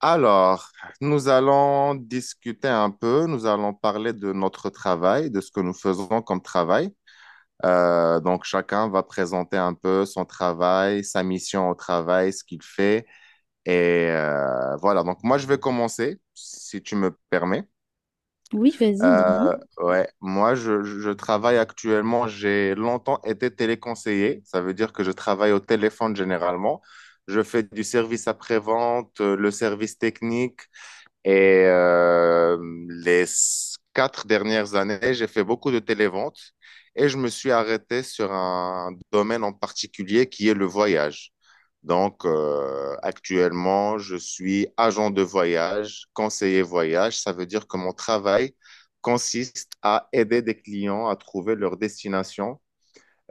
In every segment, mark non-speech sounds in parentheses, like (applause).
Alors, nous allons discuter un peu, nous allons parler de notre travail, de ce que nous faisons comme travail. Donc, chacun va présenter un peu son travail, sa mission au travail, ce qu'il fait. Et voilà, donc moi, je vais commencer, si tu me permets. Oui, vas-y, dis-moi. Ouais, moi, je travaille actuellement, j'ai longtemps été téléconseiller, ça veut dire que je travaille au téléphone généralement. Je fais du service après-vente, le service technique. Et les quatre dernières années, j'ai fait beaucoup de télévente et je me suis arrêté sur un domaine en particulier qui est le voyage. Donc, actuellement, je suis agent de voyage, conseiller voyage. Ça veut dire que mon travail consiste à aider des clients à trouver leur destination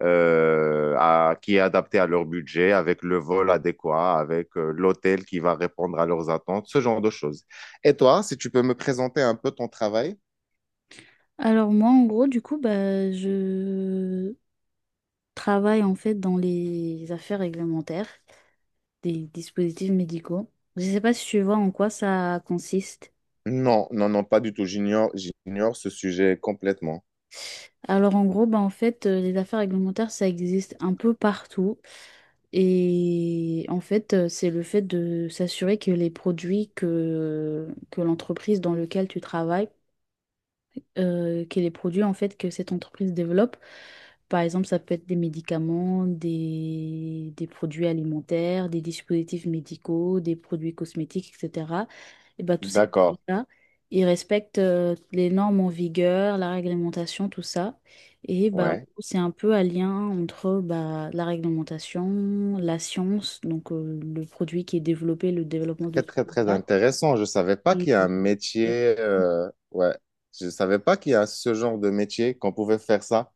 qui est adapté à leur budget, avec le vol adéquat, avec l'hôtel qui va répondre à leurs attentes, ce genre de choses. Et toi, si tu peux me présenter un peu ton travail? Alors moi, en gros, du coup, bah, je travaille en fait dans les affaires réglementaires des dispositifs médicaux. Je ne sais pas si tu vois en quoi ça consiste. Non, non, non, pas du tout. J'ignore, j'ignore ce sujet complètement. Alors en gros, bah, en fait, les affaires réglementaires, ça existe un peu partout. Et en fait, c'est le fait de s'assurer que les produits que l'entreprise dans laquelle tu travailles que les produits en fait que cette entreprise développe. Par exemple, ça peut être des médicaments, des produits alimentaires, des dispositifs médicaux, des produits cosmétiques, etc. Et ben, tous ces D'accord. produits-là, ils respectent les normes en vigueur, la réglementation, tout ça. Et bah, en Ouais. gros, c'est un peu un lien entre bah, la réglementation, la science, donc le produit qui est développé, le développement de Très, tout très, très ça. intéressant. Je savais pas et qu'il y a un métier. Ouais. Je savais pas qu'il y a ce genre de métier qu'on pouvait faire ça.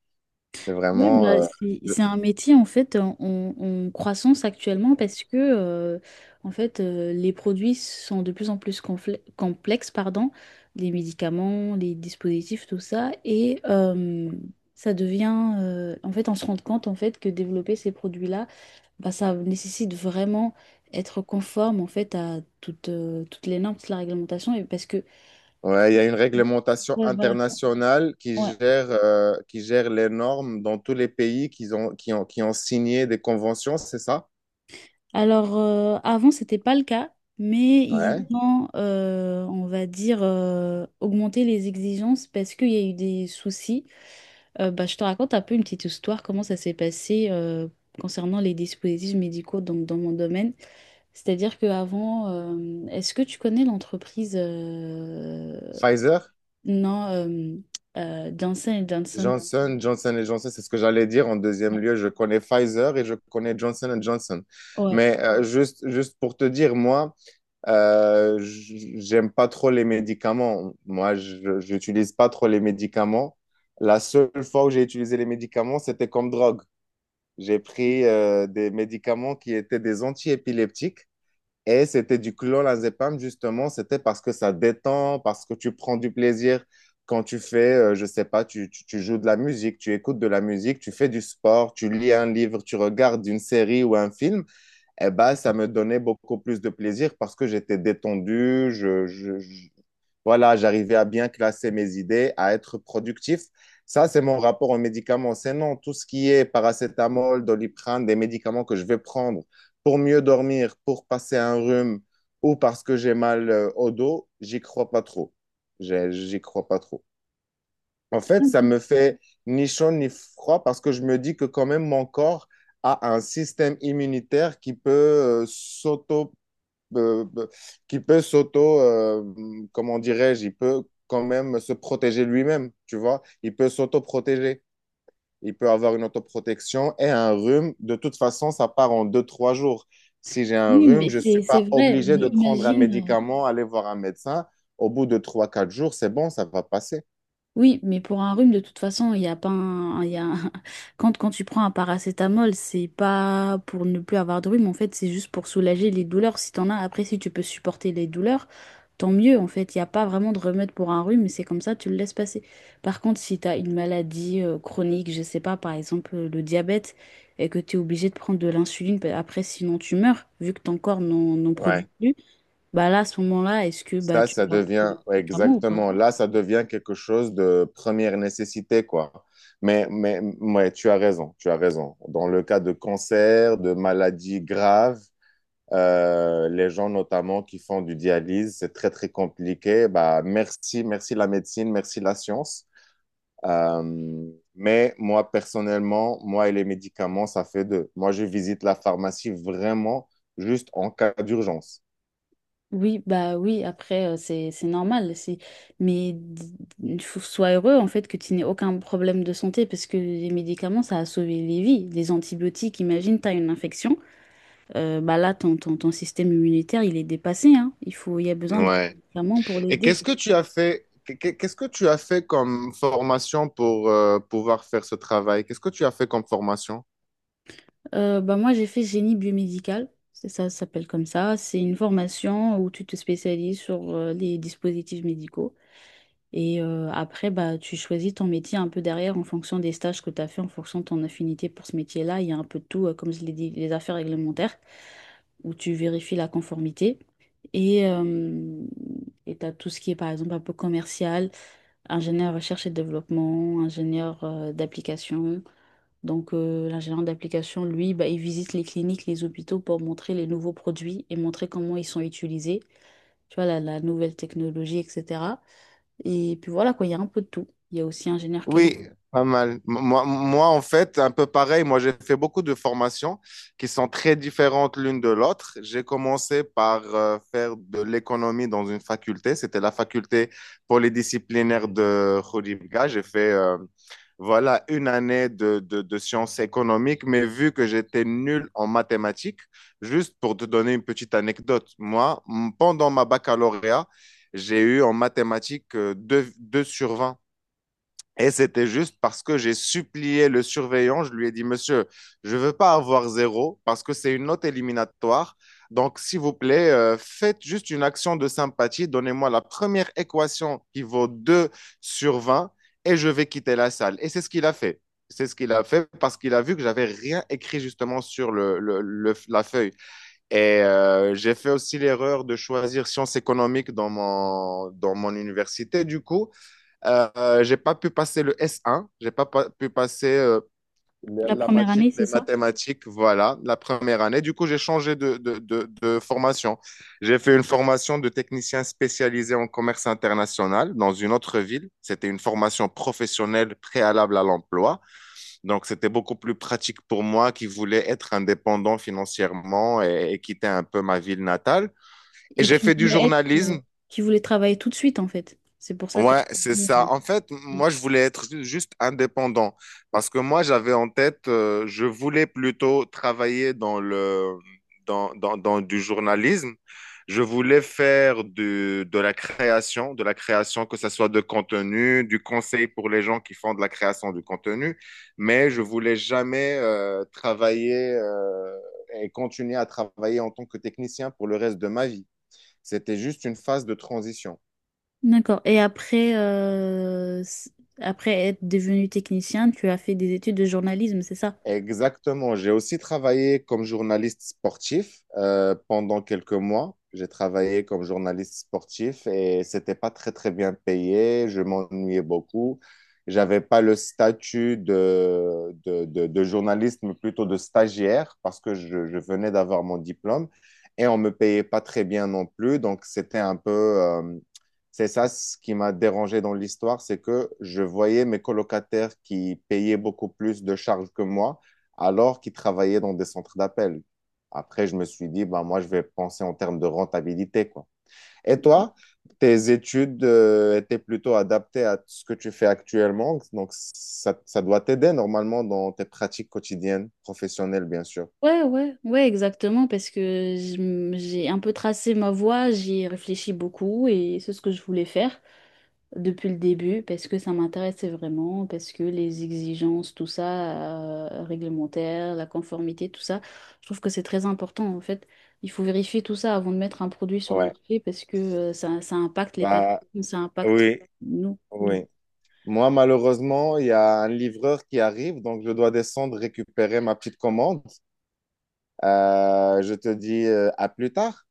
C'est Oui, vraiment. bah, c'est un métier en fait en croissance actuellement parce que en fait les produits sont de plus en plus complexes, pardon, les médicaments, les dispositifs, tout ça, et ça devient en fait on se rend compte en fait que développer ces produits-là, bah, ça nécessite vraiment être conforme en fait à toutes les normes, toute la réglementation, et parce que... Ouais, il y a une réglementation Ouais, voilà. internationale Ouais. Qui gère les normes dans tous les pays qui ont, qui ont signé des conventions, c'est ça? Alors, avant, c'était pas le cas, mais ils Ouais. ont, on va dire, augmenté les exigences parce qu'il y a eu des soucis. Bah, je te raconte un peu une petite histoire, comment ça s'est passé concernant les dispositifs médicaux donc, dans mon domaine. C'est-à-dire qu'avant, est-ce que tu connais l'entreprise Pfizer, non, Johnson Johnson? Johnson, Johnson Johnson, c'est ce que j'allais dire en deuxième Ouais. lieu. Je connais Pfizer et je connais Johnson Johnson. Ouais. Mais juste pour te dire, moi, j'aime pas trop les médicaments. Moi, je j'utilise pas trop les médicaments. La seule fois où j'ai utilisé les médicaments, c'était comme drogue. J'ai pris des médicaments qui étaient des antiépileptiques et c'était du clonazepam justement. C'était parce que ça détend, parce que tu prends du plaisir quand tu fais, je sais pas, tu joues de la musique, tu écoutes de la musique, tu fais du sport, tu lis un livre, tu regardes une série ou un film. Eh ben, ça me donnait beaucoup plus de plaisir parce que j'étais détendu, voilà, j'arrivais à bien classer mes idées, à être productif. Ça, c'est mon rapport aux médicaments. C'est non, tout ce qui est paracétamol, doliprane, des médicaments que je vais prendre pour mieux dormir, pour passer un rhume ou parce que j'ai mal au dos, j'y crois pas trop. J'y crois pas trop. En fait, ça me fait ni chaud ni froid parce que je me dis que quand même mon corps a un système immunitaire qui peut s'auto, euh, qui peut s'auto, euh, comment dirais-je, il peut quand même se protéger lui-même, tu vois. Il peut s'auto-protéger. Il peut avoir une autoprotection et un rhume. De toute façon, ça part en deux, trois jours. Si j'ai un Oui, rhume, mais je ne suis c'est pas vrai. obligé Mais de prendre un imagine. Médicament, aller voir un médecin. Au bout de trois, quatre jours, c'est bon, ça va passer. Oui, mais pour un rhume, de toute façon, il y a pas un, il y a un- (laughs) Quand, quand tu prends un paracétamol, c'est pas pour ne plus avoir de rhume, en fait, c'est juste pour soulager les douleurs. Si t'en as, après, si tu peux supporter les douleurs, tant mieux, en fait. Il n'y a pas vraiment de remède pour un rhume, c'est comme ça, tu le laisses passer. Par contre, si t'as une maladie chronique, je sais pas, par exemple, le diabète, et que tu es obligé de prendre de l'insuline, bah, après, sinon tu meurs, vu que ton corps n'en produit Ouais. plus, bah là, à ce moment-là, est-ce que bah, Ça, tu ça vas prendre devient, des ouais, médicaments ou pas? exactement, là, ça devient quelque chose de première nécessité, quoi. Mais, ouais, tu as raison, tu as raison. Dans le cas de cancer, de maladies graves, les gens notamment qui font du dialyse, c'est très, très compliqué. Bah, merci, merci la médecine, merci la science. Euh, mais moi, personnellement, moi et les médicaments, ça fait deux. Moi, je visite la pharmacie vraiment juste en cas d'urgence. Oui, bah oui, après, c'est normal. C'est... Mais il faut sois heureux, en fait, que tu n'aies aucun problème de santé, parce que les médicaments, ça a sauvé les vies. Les antibiotiques, imagine, tu as une infection, bah là, ton système immunitaire, il est dépassé, hein. Il faut, il y a besoin d'un Ouais. médicament pour Et l'aider. qu'est-ce que tu as fait, qu'est-ce que tu as fait comme formation pour pouvoir faire ce travail? Qu'est-ce que tu as fait comme formation? Bah moi, j'ai fait génie biomédical, c'est ça, ça s'appelle comme ça. C'est une formation où tu te spécialises sur les dispositifs médicaux. Et après, bah, tu choisis ton métier un peu derrière en fonction des stages que tu as fait, en fonction de ton affinité pour ce métier-là. Il y a un peu de tout, comme je l'ai dit, les affaires réglementaires, où tu vérifies la conformité. Et euh, et tu as tout ce qui est, par exemple, un peu commercial, ingénieur recherche et développement, ingénieur d'application. Donc, l'ingénieur d'application, lui, bah, il visite les cliniques, les hôpitaux pour montrer les nouveaux produits et montrer comment ils sont utilisés, tu vois, la nouvelle technologie, etc. Et puis voilà, quoi, il y a un peu de tout. Il y a aussi ingénieur qualité. Oui, pas mal. Moi, en fait, un peu pareil. Moi, j'ai fait beaucoup de formations qui sont très différentes l'une de l'autre. J'ai commencé par faire de l'économie dans une faculté. C'était la faculté polydisciplinaire de Khouribga. J'ai fait voilà, une année de sciences économiques, mais vu que j'étais nul en mathématiques, juste pour te donner une petite anecdote, moi, pendant ma baccalauréat, j'ai eu en mathématiques 2, 2 sur 20. Et c'était juste parce que j'ai supplié le surveillant. Je lui ai dit, Monsieur, je veux pas avoir zéro parce que c'est une note éliminatoire. Donc, s'il vous plaît, faites juste une action de sympathie. Donnez-moi la première équation qui vaut 2/20 et je vais quitter la salle. Et c'est ce qu'il a fait. C'est ce qu'il a fait parce qu'il a vu que j'avais rien écrit justement sur la feuille. Et j'ai fait aussi l'erreur de choisir sciences économiques dans mon université, du coup. J'ai pas pu passer le S1, j'ai pas pu passer la La la première matière année, c'est des ça? mathématiques, voilà, la première année. Du coup, j'ai changé de formation. J'ai fait une formation de technicien spécialisé en commerce international dans une autre ville. C'était une formation professionnelle préalable à l'emploi. Donc, c'était beaucoup plus pratique pour moi qui voulais être indépendant financièrement et quitter un peu ma ville natale. Et Et j'ai qui fait du voulait être, journalisme. qui voulait travailler tout de suite, en fait. C'est pour ça que tu as Ouais, c'est choisi. ça. En fait, Ouais. moi, je voulais être juste indépendant parce que moi, j'avais en tête, je voulais plutôt travailler dans le, dans, dans, dans du journalisme. Je voulais faire de la création, que ce soit de contenu, du conseil pour les gens qui font de la création du contenu, mais je voulais jamais travailler et continuer à travailler en tant que technicien pour le reste de ma vie. C'était juste une phase de transition. D'accord. Et après, après être devenu technicien, tu as fait des études de journalisme, c'est ça? Exactement. J'ai aussi travaillé comme journaliste sportif pendant quelques mois. J'ai travaillé comme journaliste sportif et c'était pas très très bien payé. Je m'ennuyais beaucoup. J'avais pas le statut de journaliste, mais plutôt de stagiaire parce que je venais d'avoir mon diplôme et on me payait pas très bien non plus. Donc c'était un peu, c'est ça ce qui m'a dérangé dans l'histoire, c'est que je voyais mes colocataires qui payaient beaucoup plus de charges que moi, alors qu'ils travaillaient dans des centres d'appel. Après, je me suis dit, bah, moi, je vais penser en termes de rentabilité, quoi. Et toi, tes études, étaient plutôt adaptées à ce que tu fais actuellement, donc ça doit t'aider normalement dans tes pratiques quotidiennes, professionnelles, bien sûr. Ouais, ouais, ouais, exactement, parce que j'ai un peu tracé ma voie, j'y ai réfléchi beaucoup et c'est ce que je voulais faire depuis le début, parce que ça m'intéressait vraiment, parce que les exigences, tout ça, réglementaire, la conformité, tout ça, je trouve que c'est très important en fait. Il faut vérifier tout ça avant de mettre un produit sur le Ouais, marché parce que ça, ça impacte les patients, bah ça impacte oui, nous. Donc, oui. Moi, malheureusement, il y a un livreur qui arrive, donc je dois descendre récupérer ma petite commande. Je te dis à plus tard.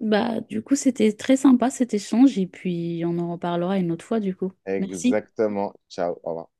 bah, du coup, c'était très sympa cet échange et puis on en reparlera une autre fois du coup. Merci. Exactement. Ciao. Au revoir.